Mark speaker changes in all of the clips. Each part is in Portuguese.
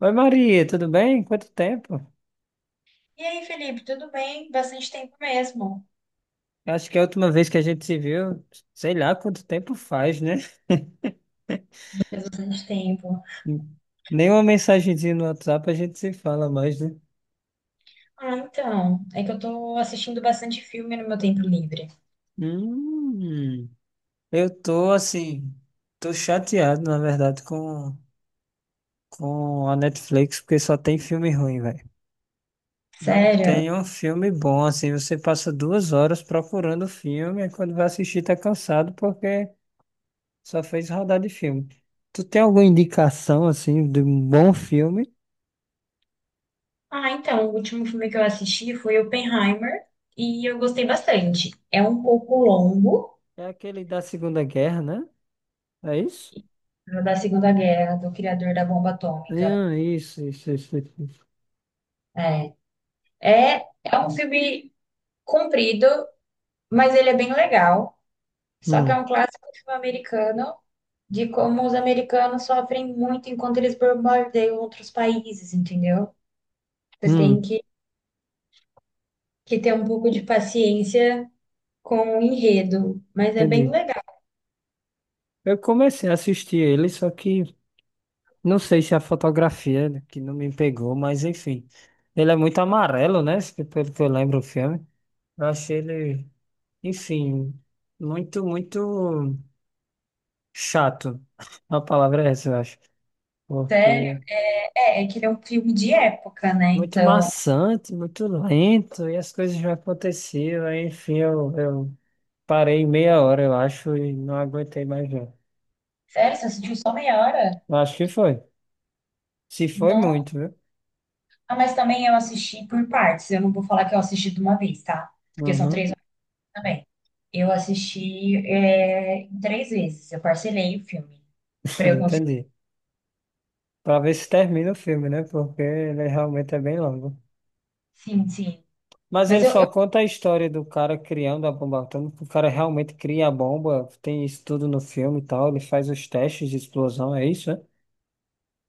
Speaker 1: Oi Maria, tudo bem? Quanto tempo?
Speaker 2: E aí, Felipe, tudo bem? Bastante tempo mesmo.
Speaker 1: Acho que é a última vez que a gente se viu, sei lá quanto tempo faz, né?
Speaker 2: Faz bastante tempo.
Speaker 1: Nenhuma mensagenzinha no WhatsApp a gente se fala mais, né?
Speaker 2: Ah, então, é que eu tô assistindo bastante filme no meu tempo livre.
Speaker 1: Hum, eu tô assim, tô chateado, na verdade, com a Netflix, porque só tem filme ruim, velho. Não
Speaker 2: Sério?
Speaker 1: tem um filme bom, assim, você passa 2 horas procurando o filme, e quando vai assistir tá cansado porque só fez rodar de filme. Tu tem alguma indicação, assim, de um bom filme?
Speaker 2: Ah, então, o último filme que eu assisti foi Oppenheimer e eu gostei bastante. É um pouco longo,
Speaker 1: É aquele da Segunda Guerra, né? É isso?
Speaker 2: da Segunda Guerra, do criador da bomba atômica.
Speaker 1: Ah, isso, isso, isso, isso, isso.
Speaker 2: É, é, um filme comprido, mas ele é bem legal. Só que é
Speaker 1: Hum,
Speaker 2: um clássico filme americano de como os americanos sofrem muito enquanto eles bombardeiam outros países, entendeu? Você tem
Speaker 1: hum,
Speaker 2: que ter um pouco de paciência com o enredo, mas é bem
Speaker 1: entendi.
Speaker 2: legal.
Speaker 1: Eu comecei a assistir ele, só que não sei se é a fotografia né, que não me pegou, mas enfim. Ele é muito amarelo, né? Pelo que eu lembro o filme. Eu achei ele, enfim, muito, muito chato. A palavra é essa, eu acho.
Speaker 2: Sério,
Speaker 1: Porque
Speaker 2: é que ele é um filme de época, né?
Speaker 1: muito
Speaker 2: Então,
Speaker 1: maçante, muito lento, e as coisas já aconteciam, aí, enfim, eu parei meia hora, eu acho, e não aguentei mais não.
Speaker 2: sério, você assistiu só meia hora?
Speaker 1: Eu acho que foi. Se foi
Speaker 2: Não.
Speaker 1: muito, viu?
Speaker 2: Ah, mas também eu assisti por partes. Eu não vou falar que eu assisti de uma vez, tá? Porque são três
Speaker 1: Uhum,
Speaker 2: horas também. Eu assisti em três vezes. Eu parcelei o filme para eu conseguir.
Speaker 1: entendi. Pra ver se termina o filme, né? Porque ele realmente é bem longo.
Speaker 2: Sim, sim.
Speaker 1: Mas
Speaker 2: Mas
Speaker 1: ele só
Speaker 2: eu
Speaker 1: conta a história do cara criando a bomba atômica. O cara realmente cria a bomba, tem isso tudo no filme e tal. Ele faz os testes de explosão, é isso, né?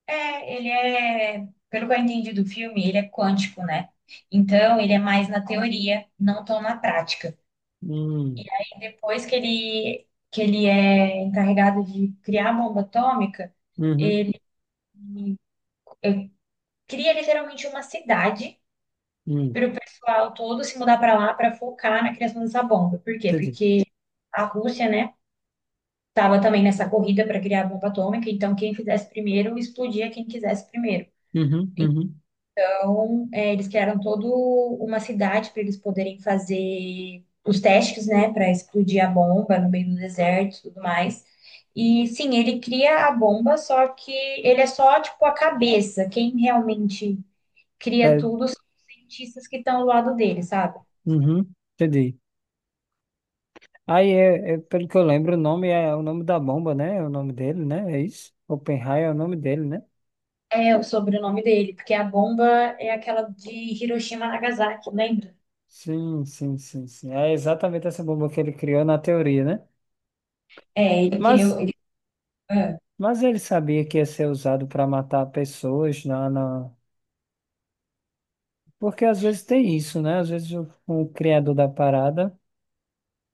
Speaker 2: É, pelo que eu entendi do filme, ele é quântico, né? Então, ele é mais na teoria, não tão na prática.
Speaker 1: Hum.
Speaker 2: E depois que ele é encarregado de criar a bomba atômica,
Speaker 1: Uhum.
Speaker 2: cria literalmente uma cidade
Speaker 1: Hum.
Speaker 2: para o pessoal todo se mudar para lá para focar na criação dessa bomba. Por quê?
Speaker 1: Entendi.
Speaker 2: Porque a Rússia, né, estava também nessa corrida para criar a bomba atômica, então quem fizesse primeiro explodia quem quisesse primeiro.
Speaker 1: Uhum, uhum.
Speaker 2: Então, eles criaram toda uma cidade para eles poderem fazer os testes, né, para explodir a bomba no meio do deserto e tudo mais. E sim, ele cria a bomba, só que ele é só tipo a cabeça. Quem realmente cria
Speaker 1: É,
Speaker 2: tudo são os cientistas que estão ao lado dele, sabe?
Speaker 1: uhum, entendi. Aí, pelo que eu lembro, o nome é o nome da bomba, né? É o nome dele, né? É isso? Oppenheimer é o nome dele, né?
Speaker 2: É o sobrenome dele, porque a bomba é aquela de Hiroshima e Nagasaki, lembra?
Speaker 1: Sim, sim, sim, sim. É exatamente essa bomba que ele criou na teoria, né?
Speaker 2: É, ele criou.
Speaker 1: Mas,
Speaker 2: Ah.
Speaker 1: mas ele sabia que ia ser usado para matar pessoas na, na... Porque às vezes tem isso, né? Às vezes o criador da parada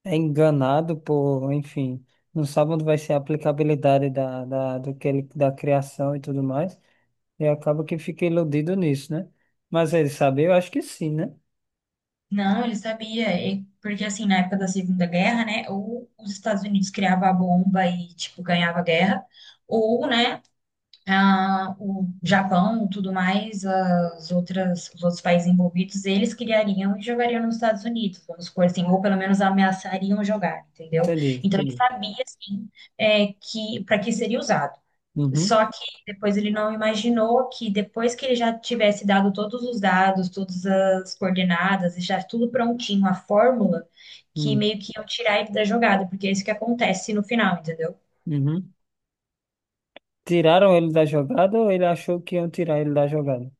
Speaker 1: é enganado por, enfim, não sabe onde vai ser a aplicabilidade da, da, do que ele, da criação e tudo mais. E acaba que fica iludido nisso, né? Mas ele sabe, eu acho que sim, né?
Speaker 2: Não, ele sabia, porque assim, na época da Segunda Guerra, né, ou os Estados Unidos criavam a bomba e, tipo, ganhava a guerra, ou, né, o Japão, tudo mais, os outros países envolvidos, eles criariam e jogariam nos Estados Unidos, vamos supor assim, ou pelo menos ameaçariam jogar, entendeu?
Speaker 1: Entendi,
Speaker 2: Então ele
Speaker 1: entendi.
Speaker 2: sabia, assim, para que seria usado.
Speaker 1: Uhum,
Speaker 2: Só que depois ele não imaginou que depois que ele já tivesse dado todos os dados, todas as coordenadas, e já tudo prontinho, a fórmula, que
Speaker 1: uhum,
Speaker 2: meio que iam tirar ele da jogada, porque é isso que acontece no final, entendeu?
Speaker 1: uhum. Tiraram ele da jogada ou ele achou que iam tirar ele da jogada?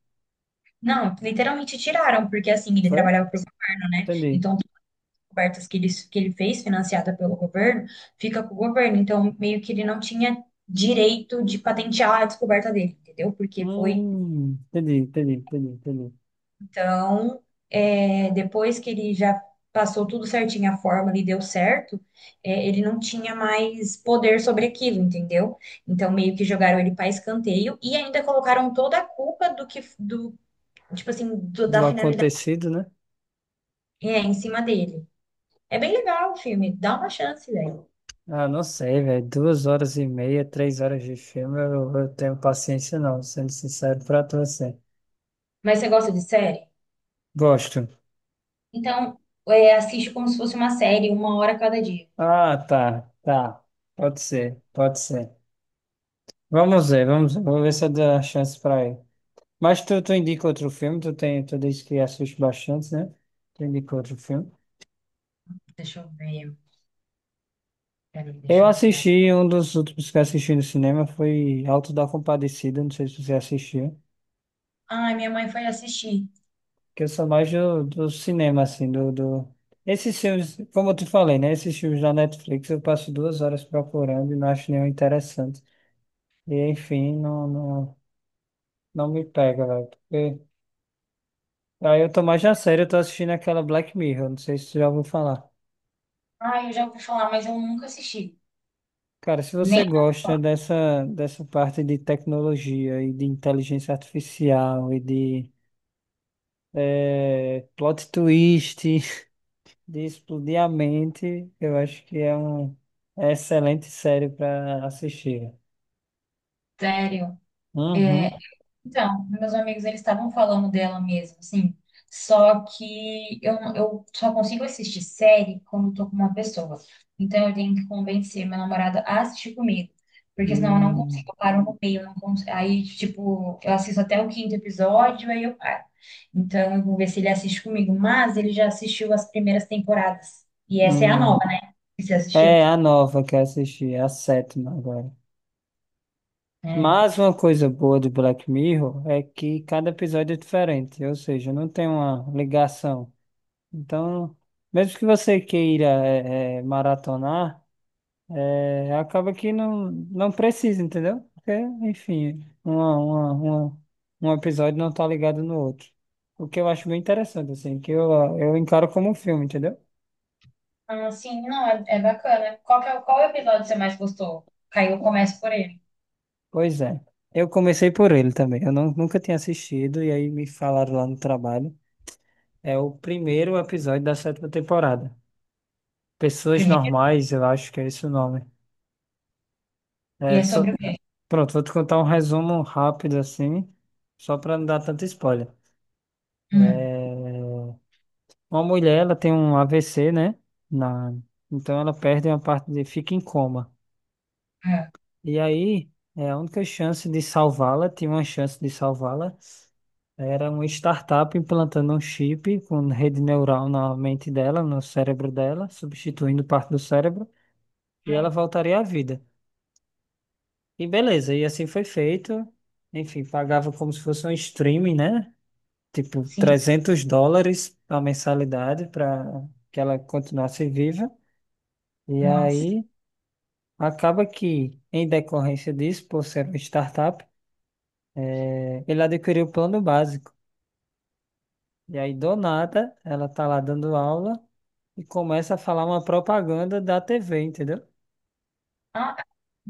Speaker 2: Não, literalmente tiraram, porque assim, ele
Speaker 1: Foi?
Speaker 2: trabalhava para o governo, né?
Speaker 1: Entendi.
Speaker 2: Então, todas as cobertas que ele fez, financiada pelo governo, fica com o governo. Então, meio que ele não tinha direito de patentear a descoberta dele, entendeu? Porque foi
Speaker 1: Entendi, entendi, entendi, entendi.
Speaker 2: Então, depois que ele já passou tudo certinho, a fórmula e deu certo, ele não tinha mais poder sobre aquilo, entendeu? Então, meio que jogaram ele para escanteio e ainda colocaram toda a culpa tipo assim, da
Speaker 1: Do
Speaker 2: finalidade
Speaker 1: acontecido, né?
Speaker 2: é, em cima dele. É bem legal o filme, dá uma chance, velho.
Speaker 1: Ah, não sei, velho. 2 horas e meia, 3 horas de filme, eu tenho paciência não, sendo sincero pra tu, assim.
Speaker 2: Mas você gosta de série?
Speaker 1: Gosto.
Speaker 2: Então, assiste como se fosse uma série, uma hora a cada dia.
Speaker 1: Ah, tá, tá. Pode ser, pode ser. Vamos ver, vamos ver. Vou ver se eu dou a chance pra ele. Mas tu indica outro filme, tu disse que assiste bastante, né? Tu indica outro filme.
Speaker 2: Deixa eu ver, peraí, deixa eu entrar.
Speaker 1: Um dos últimos que eu assisti no cinema foi Alto da Compadecida, não sei se você assistiu.
Speaker 2: Ai, minha mãe foi assistir.
Speaker 1: Que eu sou mais do, do cinema, assim, do, do... Esses filmes, como eu te falei, né? Esses filmes da Netflix eu passo 2 horas procurando e não acho nenhum interessante. E, enfim, não, não, não me pega, velho. Porque... Aí eu tô mais a sério, eu tô assistindo aquela Black Mirror, não sei se você já ouviu falar.
Speaker 2: Ai, eu já ouvi falar, mas eu nunca assisti.
Speaker 1: Cara, se você
Speaker 2: Nem
Speaker 1: gosta dessa, dessa parte de tecnologia e de inteligência artificial e de plot twist, de explodir a mente, eu acho que é excelente série para assistir.
Speaker 2: sério. É,
Speaker 1: Uhum.
Speaker 2: então, meus amigos, eles estavam falando dela mesmo, assim. Só que eu, não- eu só consigo assistir série quando eu tô com uma pessoa. Então, eu tenho que convencer meu namorado a assistir comigo. Porque senão eu não
Speaker 1: Hum,
Speaker 2: consigo, eu paro no meio. Eu não cons- Aí, tipo, eu assisto até o quinto episódio, aí eu paro. Então, eu vou ver se ele assiste comigo. Mas ele já assistiu as primeiras temporadas. E essa é a nova,
Speaker 1: hum.
Speaker 2: né? Que você assistiu.
Speaker 1: É a nova que eu assisti, é a sétima agora.
Speaker 2: É.
Speaker 1: Mas uma coisa boa do Black Mirror é que cada episódio é diferente, ou seja, não tem uma ligação. Então, mesmo que você queira maratonar, acaba que não, não precisa, entendeu? Porque, enfim, um episódio não tá ligado no outro. O que eu acho bem interessante, assim, que eu encaro como um filme, entendeu?
Speaker 2: Ah, sim, não, é bacana. Qual que é, o- qual episódio você mais gostou? Caiu, começo por ele.
Speaker 1: Pois é. Eu comecei por ele também. Eu não, nunca tinha assistido, e aí me falaram lá no trabalho. É o primeiro episódio da sétima temporada. Pessoas
Speaker 2: Primeiro?
Speaker 1: Normais, eu acho que é esse o nome.
Speaker 2: E
Speaker 1: é
Speaker 2: é
Speaker 1: só-
Speaker 2: sobre o quê?
Speaker 1: Pronto, vou te contar um resumo rápido assim, só para não dar tanto spoiler.
Speaker 2: Hum,
Speaker 1: É, Uma mulher, ela tem um AVC, né? Na... Então ela perde uma parte de... fica em coma.
Speaker 2: é.
Speaker 1: E aí, a única chance de salvá-la, tinha uma chance de salvá-la, era uma startup implantando um chip com rede neural na mente dela, no cérebro dela, substituindo parte do cérebro, e ela
Speaker 2: Hum.
Speaker 1: voltaria à vida. E beleza, e assim foi feito. Enfim, pagava como se fosse um streaming, né? Tipo
Speaker 2: Sim,
Speaker 1: US$ 300 a mensalidade para que ela continuasse viva. E
Speaker 2: nossa.
Speaker 1: aí acaba que, em decorrência disso, por ser uma startup, ele adquiriu o plano básico. E aí, do nada, ela tá lá dando aula e começa a falar uma propaganda da TV, entendeu?
Speaker 2: Ah,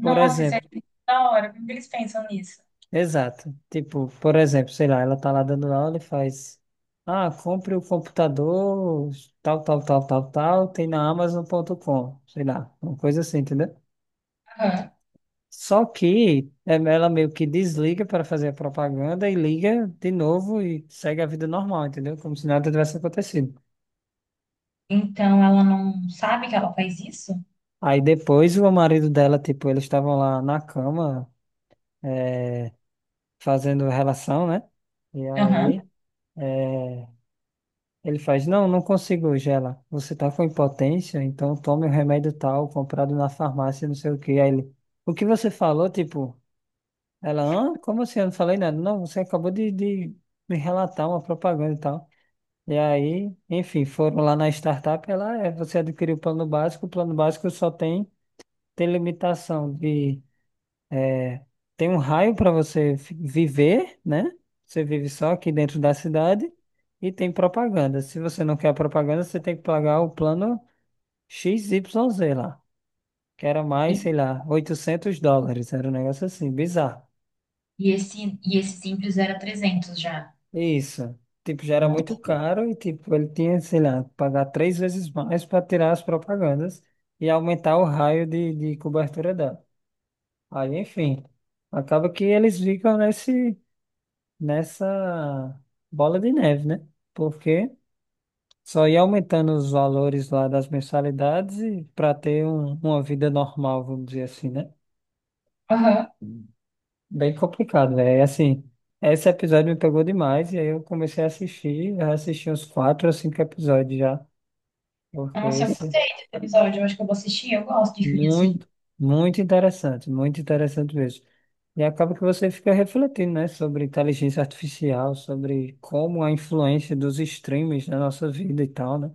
Speaker 1: Por
Speaker 2: isso é
Speaker 1: exemplo,
Speaker 2: da hora. Como que eles pensam nisso?
Speaker 1: exato. Tipo, por exemplo, sei lá, ela tá lá dando aula e faz. Ah, compre o computador, tal, tal, tal, tal, tal, tem na Amazon.com, sei lá, uma coisa assim, entendeu?
Speaker 2: Aham.
Speaker 1: Só que ela meio que desliga para fazer a propaganda e liga de novo e segue a vida normal, entendeu? Como se nada tivesse acontecido.
Speaker 2: Então ela não sabe que ela faz isso?
Speaker 1: Aí depois o marido dela, tipo, eles estavam lá na cama é, fazendo relação, né? E
Speaker 2: Aham.
Speaker 1: aí é, ele faz, não, não consigo hoje. Ela, você tá com impotência, então tome o remédio tal, comprado na farmácia, não sei o quê. Aí ele, o que você falou, tipo, ela, hã? Como assim? Eu não falei nada. Não, você acabou de me relatar uma propaganda e tal. E aí, enfim, foram lá na startup, ela você adquiriu o plano básico só tem limitação de é, tem um raio para você viver, né? Você vive só aqui dentro da cidade e tem propaganda. Se você não quer a propaganda, você tem que pagar o plano XYZ lá, que era
Speaker 2: E,
Speaker 1: mais, sei lá, US$ 800, era um negócio assim, bizarro.
Speaker 2: e esse simples era 300 já.
Speaker 1: Isso. Tipo, já era muito
Speaker 2: Nossa.
Speaker 1: caro e, tipo, ele tinha, sei lá, que pagar três vezes mais para tirar as propagandas e aumentar o raio de cobertura dela. Aí, enfim, acaba que eles ficam nessa bola de neve, né? Porque só ia aumentando os valores lá das mensalidades e para ter uma vida normal, vamos dizer assim, né?
Speaker 2: Aham.
Speaker 1: Bem complicado, velho. Assim, esse episódio me pegou demais e aí eu comecei a assistir, já assisti uns quatro ou cinco episódios já. Porque
Speaker 2: Nossa, eu
Speaker 1: esse
Speaker 2: gostei desse episódio. Eu acho que eu vou assistir. Eu gosto de filme assim.
Speaker 1: muito, muito interessante mesmo. E acaba que você fica refletindo, né, sobre inteligência artificial, sobre como a influência dos streams na nossa vida e tal, né?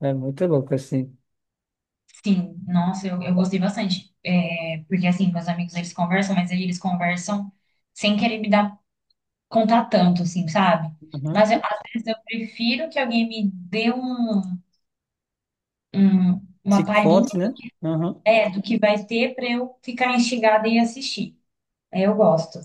Speaker 1: É muito louco assim.
Speaker 2: Sim, nossa, eu gostei bastante. É, porque, assim, meus amigos, eles conversam, mas aí eles conversam sem querer contar tanto, assim, sabe?
Speaker 1: Uhum.
Speaker 2: Mas, às vezes, eu prefiro que alguém me dê um,
Speaker 1: Te
Speaker 2: uma palhinha,
Speaker 1: conte, né? Uhum.
Speaker 2: né, do que vai ter para eu ficar instigada e assistir. Aí eu gosto.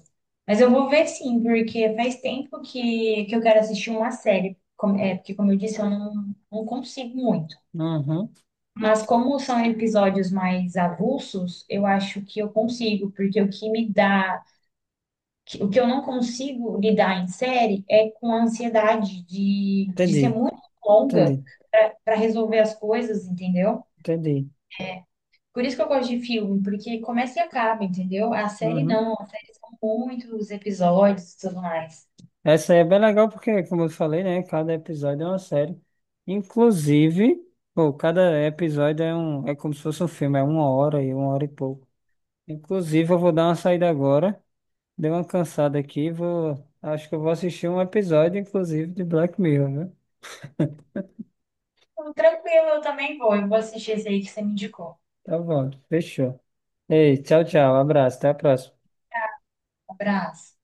Speaker 2: Mas eu vou ver, sim, porque faz tempo que eu quero assistir uma série. É, porque, como eu disse, eu não, não consigo muito.
Speaker 1: Uhum.
Speaker 2: Mas como são episódios mais avulsos, eu acho que eu consigo, porque o que me dá, que- o que eu não consigo lidar em série é com a ansiedade de ser
Speaker 1: Entendi,
Speaker 2: muito longa
Speaker 1: entendi,
Speaker 2: para resolver as coisas, entendeu?
Speaker 1: entendi.
Speaker 2: Por isso que eu gosto de filme, porque começa e acaba, entendeu? A série
Speaker 1: Uhum.
Speaker 2: não, a série são muitos episódios e tudo mais.
Speaker 1: Essa aí é bem legal porque, como eu falei, né, cada episódio é uma série. Inclusive, pô, cada episódio é como se fosse um filme, é uma hora e pouco. Inclusive, eu vou dar uma saída agora. Dei uma cansada aqui. Vou... Acho que eu vou assistir um episódio, inclusive, de Black Mirror, né?
Speaker 2: Então, tranquilo, eu também vou. Eu vou assistir esse aí que você me indicou.
Speaker 1: Tá bom, fechou. Ei, tchau, tchau. Abraço, até a próxima.
Speaker 2: Abraço.